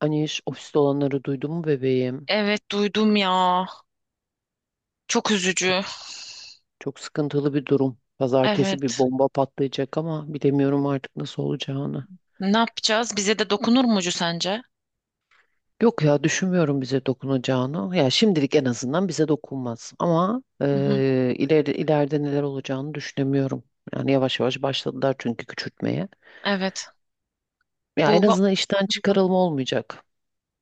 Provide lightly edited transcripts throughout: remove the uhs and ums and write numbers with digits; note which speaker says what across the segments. Speaker 1: Hani iş ofiste olanları duydun mu bebeğim?
Speaker 2: Evet duydum ya. Çok
Speaker 1: Çok
Speaker 2: üzücü.
Speaker 1: çok sıkıntılı bir durum. Pazartesi bir
Speaker 2: Evet.
Speaker 1: bomba patlayacak ama bilemiyorum artık nasıl olacağını.
Speaker 2: Ne yapacağız? Bize de dokunur mucu sence?
Speaker 1: Yok ya düşünmüyorum bize dokunacağını. Ya şimdilik en azından bize dokunmaz. Ama
Speaker 2: Hı hı.
Speaker 1: ileride neler olacağını düşünemiyorum. Yani yavaş yavaş başladılar çünkü küçültmeye.
Speaker 2: Evet.
Speaker 1: Ya en
Speaker 2: Bu va-
Speaker 1: azından işten çıkarılma olmayacak.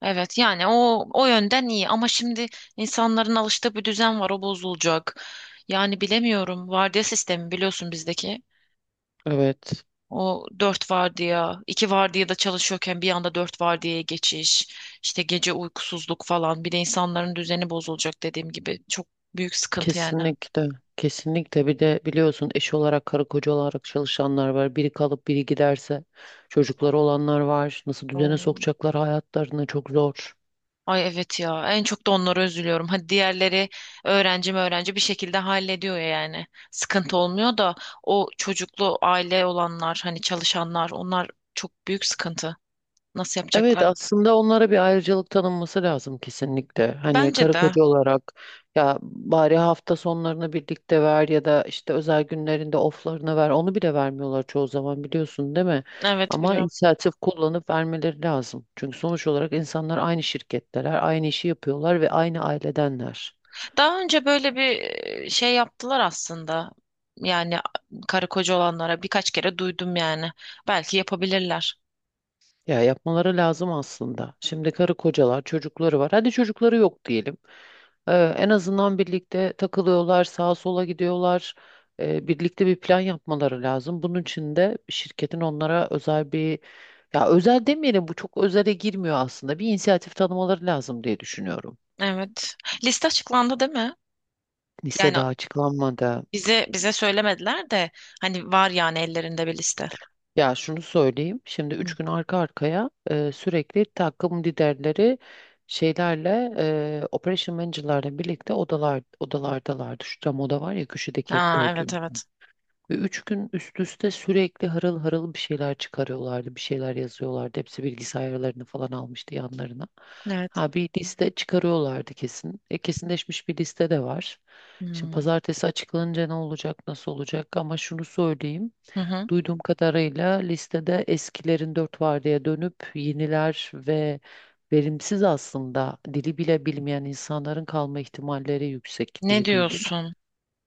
Speaker 2: evet yani o yönden iyi ama şimdi insanların alıştığı bir düzen var o bozulacak. Yani bilemiyorum. Vardiya sistemi biliyorsun bizdeki.
Speaker 1: Evet.
Speaker 2: O dört vardiya, iki vardiyada çalışıyorken bir anda dört vardiyaya geçiş, işte gece uykusuzluk falan. Bir de insanların düzeni bozulacak dediğim gibi. Çok büyük sıkıntı yani.
Speaker 1: Kesinlikle. Kesinlikle. Bir de biliyorsun eş olarak karı koca olarak çalışanlar var. Biri kalıp biri giderse çocukları olanlar var. Nasıl düzene sokacaklar hayatlarını, çok zor.
Speaker 2: Ay evet ya en çok da onlara üzülüyorum. Hadi diğerleri öğrenci mi öğrenci bir şekilde hallediyor yani. Sıkıntı olmuyor da o çocuklu aile olanlar hani çalışanlar onlar çok büyük sıkıntı. Nasıl
Speaker 1: Evet,
Speaker 2: yapacaklar?
Speaker 1: aslında onlara bir ayrıcalık tanınması lazım kesinlikle. Hani
Speaker 2: Bence
Speaker 1: karı
Speaker 2: de
Speaker 1: koca olarak ya bari hafta sonlarını birlikte ver ya da işte özel günlerinde oflarını ver. Onu bile vermiyorlar çoğu zaman, biliyorsun değil mi?
Speaker 2: evet
Speaker 1: Ama
Speaker 2: biliyorum.
Speaker 1: inisiyatif kullanıp vermeleri lazım. Çünkü sonuç olarak insanlar aynı şirketteler, aynı işi yapıyorlar ve aynı ailedenler.
Speaker 2: Daha önce böyle bir şey yaptılar aslında. Yani karı koca olanlara birkaç kere duydum yani. Belki yapabilirler.
Speaker 1: Ya yapmaları lazım aslında. Şimdi karı kocalar, çocukları var. Hadi çocukları yok diyelim. Ee, En azından birlikte takılıyorlar, sağa sola gidiyorlar. Birlikte bir plan yapmaları lazım. Bunun için de şirketin onlara özel bir, ya özel demeyelim, bu çok özele girmiyor aslında. Bir inisiyatif tanımaları lazım diye düşünüyorum.
Speaker 2: Evet. Liste açıklandı değil mi? Yani
Speaker 1: Lisede açıklanmadı.
Speaker 2: bize söylemediler de hani var yani ellerinde bir liste.
Speaker 1: Ya şunu söyleyeyim. Şimdi üç
Speaker 2: Hı.
Speaker 1: gün arka arkaya sürekli takım liderleri şeylerle operation manager'larla birlikte odalar odalardalardı. Şu cam oda var ya köşedeki, hep
Speaker 2: Ha evet
Speaker 1: gördüğüm.
Speaker 2: evet.
Speaker 1: Ve üç gün üst üste sürekli harıl harıl bir şeyler çıkarıyorlardı. Bir şeyler yazıyorlardı. Hepsi bilgisayarlarını falan almıştı yanlarına.
Speaker 2: Evet.
Speaker 1: Ha bir liste çıkarıyorlardı kesin. E, kesinleşmiş bir liste de var. Şimdi
Speaker 2: Hmm.
Speaker 1: pazartesi açıklanınca ne olacak, nasıl olacak, ama şunu söyleyeyim.
Speaker 2: Hı hı.
Speaker 1: Duyduğum kadarıyla listede eskilerin dört vardiyaya dönüp yeniler ve verimsiz, aslında dili bile bilmeyen insanların kalma ihtimalleri yüksek
Speaker 2: Ne
Speaker 1: diye duydum.
Speaker 2: diyorsun?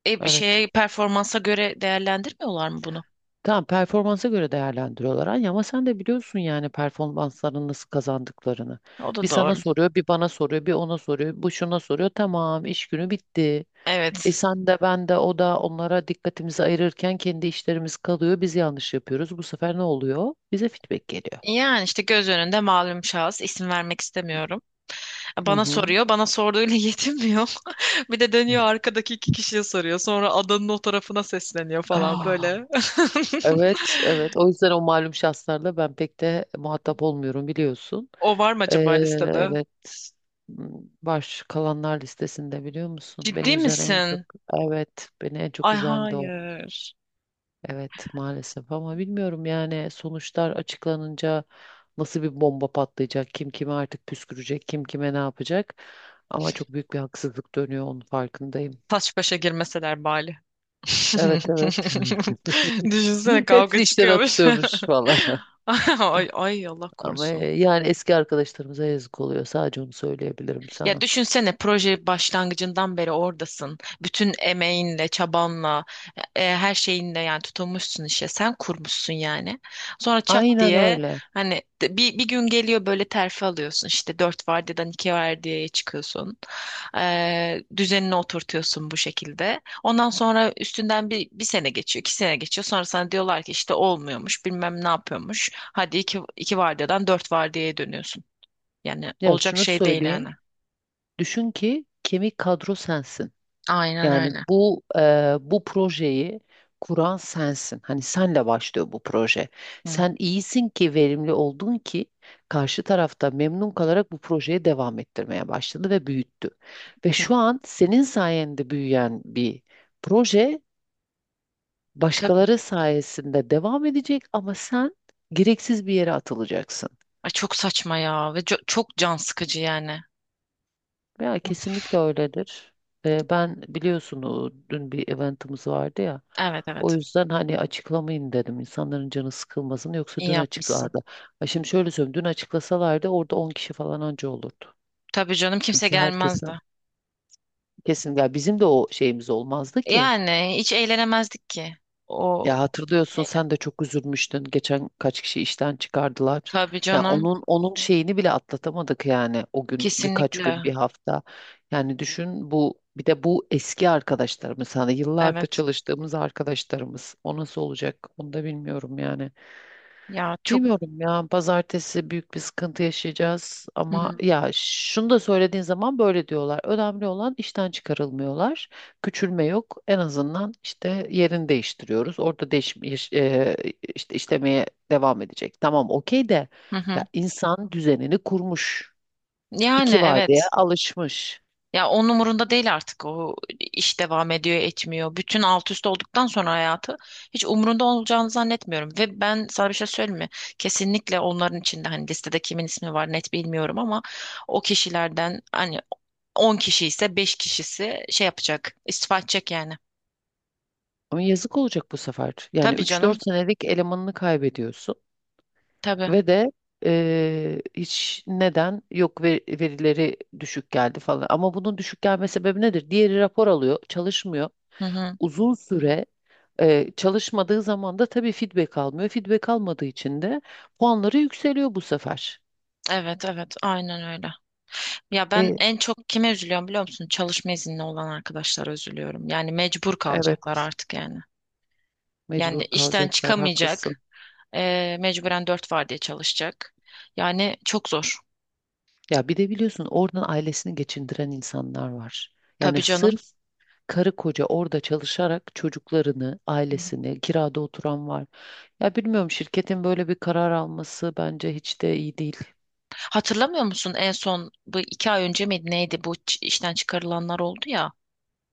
Speaker 2: Bir
Speaker 1: Evet.
Speaker 2: şeye performansa göre değerlendirmiyorlar mı bunu?
Speaker 1: Tamam, performansa göre değerlendiriyorlar Anya, ama sen de biliyorsun yani performansların nasıl kazandıklarını.
Speaker 2: O
Speaker 1: Bir
Speaker 2: da
Speaker 1: sana
Speaker 2: doğru.
Speaker 1: soruyor, bir bana soruyor, bir ona soruyor, bu şuna soruyor. Tamam, iş günü bitti. E
Speaker 2: Evet.
Speaker 1: sen de ben de o da onlara dikkatimizi ayırırken kendi işlerimiz kalıyor. Biz yanlış yapıyoruz. Bu sefer ne oluyor? Bize feedback geliyor.
Speaker 2: Yani işte göz önünde malum şahıs isim vermek istemiyorum.
Speaker 1: Hı
Speaker 2: Bana
Speaker 1: hı.
Speaker 2: soruyor. Bana sorduğuyla yetinmiyor. Bir de dönüyor arkadaki iki kişiye soruyor. Sonra adanın o tarafına sesleniyor falan
Speaker 1: Ah.
Speaker 2: böyle.
Speaker 1: Evet, evet. O yüzden o malum şahslarla ben pek de muhatap olmuyorum, biliyorsun.
Speaker 2: O var mı acaba listede?
Speaker 1: Evet. Hmm. Baş kalanlar listesinde, biliyor musun? Beni
Speaker 2: Ciddi
Speaker 1: üzen en
Speaker 2: misin?
Speaker 1: çok, evet, beni en çok
Speaker 2: Ay
Speaker 1: üzen de o.
Speaker 2: hayır.
Speaker 1: Evet, maalesef, ama bilmiyorum yani sonuçlar açıklanınca nasıl bir bomba patlayacak, kim kime artık püskürecek, kim kime ne yapacak. Ama çok büyük bir haksızlık dönüyor, onun farkındayım.
Speaker 2: Taş başa girmeseler bari.
Speaker 1: Evet, evet.
Speaker 2: Düşünsene
Speaker 1: Hepsi
Speaker 2: kavga
Speaker 1: işten
Speaker 2: çıkıyormuş.
Speaker 1: atılıyormuş valla.
Speaker 2: Ay, ay Allah
Speaker 1: Ama
Speaker 2: korusun.
Speaker 1: yani eski arkadaşlarımıza yazık oluyor. Sadece onu söyleyebilirim
Speaker 2: Ya
Speaker 1: sana.
Speaker 2: düşünsene proje başlangıcından beri oradasın. Bütün emeğinle, çabanla, her şeyinle yani tutulmuşsun işe. Sen kurmuşsun yani. Sonra çat
Speaker 1: Aynen
Speaker 2: diye
Speaker 1: öyle.
Speaker 2: hani bir gün geliyor böyle terfi alıyorsun. İşte dört vardiyadan iki vardiyaya çıkıyorsun. Düzenini oturtuyorsun bu şekilde. Ondan sonra üstünden bir sene geçiyor, 2 sene geçiyor. Sonra sana diyorlar ki işte olmuyormuş, bilmem ne yapıyormuş. Hadi iki vardiyadan dört vardiyaya dönüyorsun. Yani
Speaker 1: Ya
Speaker 2: olacak
Speaker 1: şunu
Speaker 2: şey değil yani.
Speaker 1: söyleyeyim. Düşün ki kemik kadro sensin.
Speaker 2: Aynen
Speaker 1: Yani
Speaker 2: öyle.
Speaker 1: bu bu projeyi kuran sensin. Hani senle başlıyor bu proje.
Speaker 2: Hı,
Speaker 1: Sen iyisin ki verimli oldun ki karşı tarafta memnun kalarak bu projeyi devam ettirmeye başladı ve büyüttü. Ve
Speaker 2: hı.
Speaker 1: şu an senin sayende büyüyen bir proje
Speaker 2: Tabii.
Speaker 1: başkaları sayesinde devam edecek ama sen gereksiz bir yere atılacaksın.
Speaker 2: Ay çok saçma ya ve çok can sıkıcı yani.
Speaker 1: Ya kesinlikle öyledir. Ben biliyorsun o dün bir eventimiz vardı ya.
Speaker 2: Evet
Speaker 1: O
Speaker 2: evet.
Speaker 1: yüzden hani açıklamayın dedim. İnsanların canı sıkılmasın, yoksa
Speaker 2: İyi
Speaker 1: dün
Speaker 2: yapmışsın.
Speaker 1: açıklardı. Ha şimdi şöyle söyleyeyim, dün açıklasalardı orada 10 kişi falan anca olurdu.
Speaker 2: Tabii canım kimse
Speaker 1: Çünkü herkesin
Speaker 2: gelmezdi.
Speaker 1: kesin ya, bizim de o şeyimiz olmazdı ki.
Speaker 2: Yani hiç eğlenemezdik ki o
Speaker 1: Ya hatırlıyorsun,
Speaker 2: şeyle.
Speaker 1: sen de çok üzülmüştün. Geçen kaç kişi işten çıkardılar.
Speaker 2: Tabii
Speaker 1: Ya
Speaker 2: canım.
Speaker 1: onun şeyini bile atlatamadık yani, o gün birkaç gün
Speaker 2: Kesinlikle.
Speaker 1: bir hafta. Yani düşün, bu bir de bu eski arkadaşlarımız, hani yıllardır
Speaker 2: Evet.
Speaker 1: çalıştığımız arkadaşlarımız. O nasıl olacak? Onu da bilmiyorum yani.
Speaker 2: Ya çok.
Speaker 1: Bilmiyorum ya, pazartesi büyük bir sıkıntı yaşayacağız, ama
Speaker 2: Hı,
Speaker 1: ya şunu da söylediğin zaman böyle diyorlar. Önemli olan işten çıkarılmıyorlar. Küçülme yok. En azından işte yerini değiştiriyoruz. Orada işte işlemeye devam edecek. Tamam, okey, de
Speaker 2: hı,
Speaker 1: ya
Speaker 2: hı.
Speaker 1: insan düzenini kurmuş.
Speaker 2: Yani
Speaker 1: İki var diye
Speaker 2: evet.
Speaker 1: alışmış.
Speaker 2: Ya onun umurunda değil artık o iş devam ediyor etmiyor. Bütün alt üst olduktan sonra hayatı hiç umurunda olacağını zannetmiyorum. Ve ben sana bir şey söyleyeyim mi? Kesinlikle onların içinde hani listede kimin ismi var net bilmiyorum ama o kişilerden hani 10 kişi ise 5 kişisi şey yapacak istifa edecek yani.
Speaker 1: Ama yazık olacak bu sefer. Yani
Speaker 2: Tabii
Speaker 1: üç
Speaker 2: canım
Speaker 1: dört senelik elemanını kaybediyorsun.
Speaker 2: tabii.
Speaker 1: Ve de hiç neden yok verileri düşük geldi falan. Ama bunun düşük gelme sebebi nedir? Diğeri rapor alıyor, çalışmıyor.
Speaker 2: Hı hı.
Speaker 1: Uzun süre çalışmadığı zaman da tabii feedback almıyor. Feedback almadığı için de puanları yükseliyor bu sefer.
Speaker 2: Evet evet aynen öyle. Ya ben
Speaker 1: E,
Speaker 2: en çok kime üzülüyorum biliyor musun? Çalışma izni olan arkadaşlara üzülüyorum. Yani mecbur
Speaker 1: evet,
Speaker 2: kalacaklar artık yani. Yani
Speaker 1: mecbur
Speaker 2: işten
Speaker 1: kalacaklar, haklısın.
Speaker 2: çıkamayacak. Mecburen dört vardiya çalışacak. Yani çok zor.
Speaker 1: Ya bir de biliyorsun oradan ailesini geçindiren insanlar var.
Speaker 2: Tabii
Speaker 1: Yani
Speaker 2: canım.
Speaker 1: sırf karı koca orada çalışarak çocuklarını,
Speaker 2: Hı hı.
Speaker 1: ailesini, kirada oturan var. Ya bilmiyorum, şirketin böyle bir karar alması bence hiç de iyi değil.
Speaker 2: Hatırlamıyor musun en son bu 2 ay önce miydi neydi bu işten çıkarılanlar oldu ya.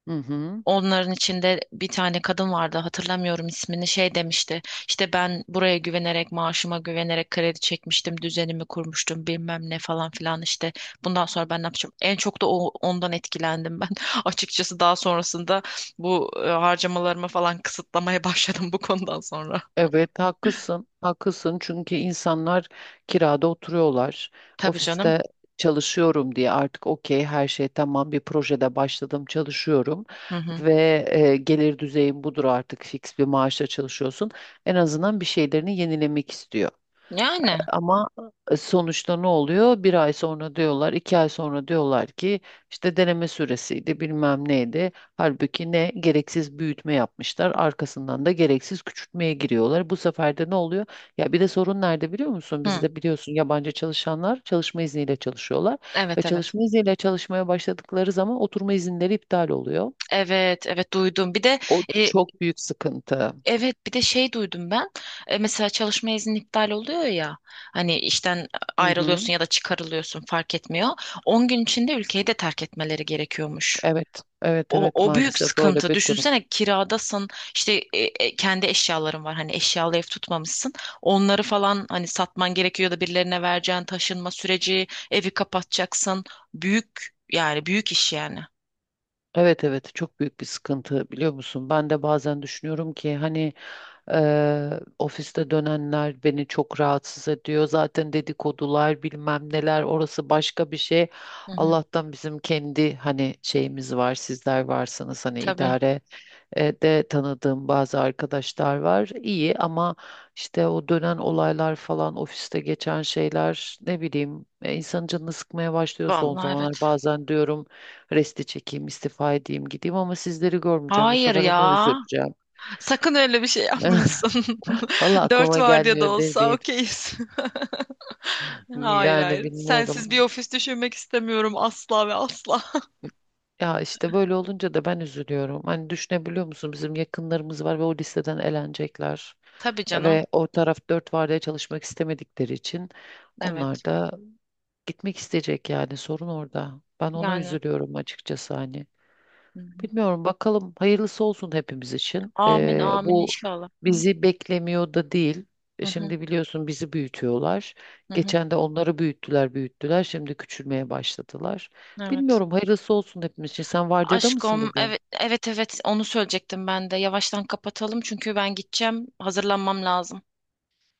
Speaker 1: Hı hı.
Speaker 2: Onların içinde bir tane kadın vardı hatırlamıyorum ismini şey demişti. İşte ben buraya güvenerek maaşıma güvenerek kredi çekmiştim düzenimi kurmuştum bilmem ne falan filan işte bundan sonra ben ne yapacağım. En çok da ondan etkilendim ben açıkçası daha sonrasında bu harcamalarımı falan kısıtlamaya başladım bu konudan sonra.
Speaker 1: Evet, haklısın. Haklısın, çünkü insanlar kirada oturuyorlar.
Speaker 2: Tabii canım.
Speaker 1: Ofiste çalışıyorum diye artık okey, her şey tamam, bir projede başladım çalışıyorum
Speaker 2: Hı hı.
Speaker 1: ve gelir düzeyim budur artık, fix bir maaşla çalışıyorsun. En azından bir şeylerini yenilemek istiyor.
Speaker 2: Yani.
Speaker 1: Ama sonuçta ne oluyor? Bir ay sonra diyorlar, iki ay sonra diyorlar ki işte deneme süresiydi, bilmem neydi. Halbuki ne gereksiz büyütme yapmışlar, arkasından da gereksiz küçültmeye giriyorlar. Bu sefer de ne oluyor? Ya bir de sorun nerede, biliyor musun?
Speaker 2: Hı.
Speaker 1: Bizde biliyorsun yabancı çalışanlar çalışma izniyle çalışıyorlar ve
Speaker 2: Evet evet.
Speaker 1: çalışma izniyle çalışmaya başladıkları zaman oturma izinleri iptal oluyor.
Speaker 2: Evet evet duydum. Bir de
Speaker 1: O
Speaker 2: e,
Speaker 1: çok büyük sıkıntı.
Speaker 2: evet, bir de şey duydum ben. Mesela çalışma izni iptal oluyor ya. Hani işten
Speaker 1: Hı hı.
Speaker 2: ayrılıyorsun ya da çıkarılıyorsun fark etmiyor. 10 gün içinde ülkeyi de terk etmeleri gerekiyormuş.
Speaker 1: Evet, evet,
Speaker 2: O,
Speaker 1: evet,
Speaker 2: o büyük
Speaker 1: maalesef öyle
Speaker 2: sıkıntı.
Speaker 1: bir durum.
Speaker 2: Düşünsene kiradasın işte kendi eşyaların var hani eşyalı ev tutmamışsın. Onları falan hani satman gerekiyor ya da birilerine vereceğin taşınma süreci evi kapatacaksın. Büyük yani büyük iş yani.
Speaker 1: Evet evet, çok büyük bir sıkıntı, biliyor musun? Ben de bazen düşünüyorum ki hani ofiste dönenler beni çok rahatsız ediyor. Zaten dedikodular bilmem neler, orası başka bir şey.
Speaker 2: Hı hı,
Speaker 1: Allah'tan bizim kendi hani şeyimiz var, sizler varsınız hani
Speaker 2: tabii.
Speaker 1: idare de tanıdığım bazı arkadaşlar var. İyi ama işte o dönen olaylar falan ofiste geçen şeyler ne bileyim insanın canını sıkmaya başlıyor son
Speaker 2: Vallahi evet.
Speaker 1: zamanlar. Bazen diyorum resti çekeyim, istifa edeyim, gideyim, ama sizleri görmeyeceğim. Bu
Speaker 2: Hayır
Speaker 1: sefer ona
Speaker 2: ya.
Speaker 1: üzüleceğim.
Speaker 2: Sakın öyle bir şey yapmıyorsun.
Speaker 1: Valla
Speaker 2: Dört
Speaker 1: aklıma
Speaker 2: var diye de
Speaker 1: gelmiyor değil
Speaker 2: olsa
Speaker 1: değil.
Speaker 2: okeyiz. Hayır
Speaker 1: Yani
Speaker 2: hayır. Sensiz bir
Speaker 1: bilmiyorum.
Speaker 2: ofis düşünmek istemiyorum asla ve asla.
Speaker 1: Ya işte böyle olunca da ben üzülüyorum. Hani düşünebiliyor musun? Bizim yakınlarımız var ve o listeden elenecekler.
Speaker 2: Tabii canım.
Speaker 1: Ve o taraf dört vardiya çalışmak istemedikleri için
Speaker 2: Evet.
Speaker 1: onlar da gitmek isteyecek, yani sorun orada. Ben ona
Speaker 2: Yani
Speaker 1: üzülüyorum açıkçası hani.
Speaker 2: hı hı.
Speaker 1: Bilmiyorum bakalım, hayırlısı olsun hepimiz için.
Speaker 2: Amin amin
Speaker 1: Bu
Speaker 2: inşallah. Hı
Speaker 1: bizi beklemiyor da değil.
Speaker 2: hı
Speaker 1: Şimdi biliyorsun bizi büyütüyorlar.
Speaker 2: hı hı.
Speaker 1: Geçen de onları büyüttüler büyüttüler. Şimdi küçülmeye başladılar.
Speaker 2: Evet.
Speaker 1: Bilmiyorum, hayırlısı olsun hepimiz için. Sen vardiyada mısın
Speaker 2: Aşkım
Speaker 1: bugün?
Speaker 2: evet evet evet onu söyleyecektim ben de. Yavaştan kapatalım çünkü ben gideceğim. Hazırlanmam lazım.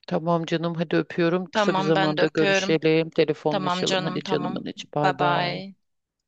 Speaker 1: Tamam canım, hadi öpüyorum. Kısa bir
Speaker 2: Tamam ben de
Speaker 1: zamanda
Speaker 2: öpüyorum.
Speaker 1: görüşelim.
Speaker 2: Tamam
Speaker 1: Telefonlaşalım.
Speaker 2: canım
Speaker 1: Hadi canımın
Speaker 2: tamam.
Speaker 1: içi, bay
Speaker 2: Bye
Speaker 1: bay.
Speaker 2: bye.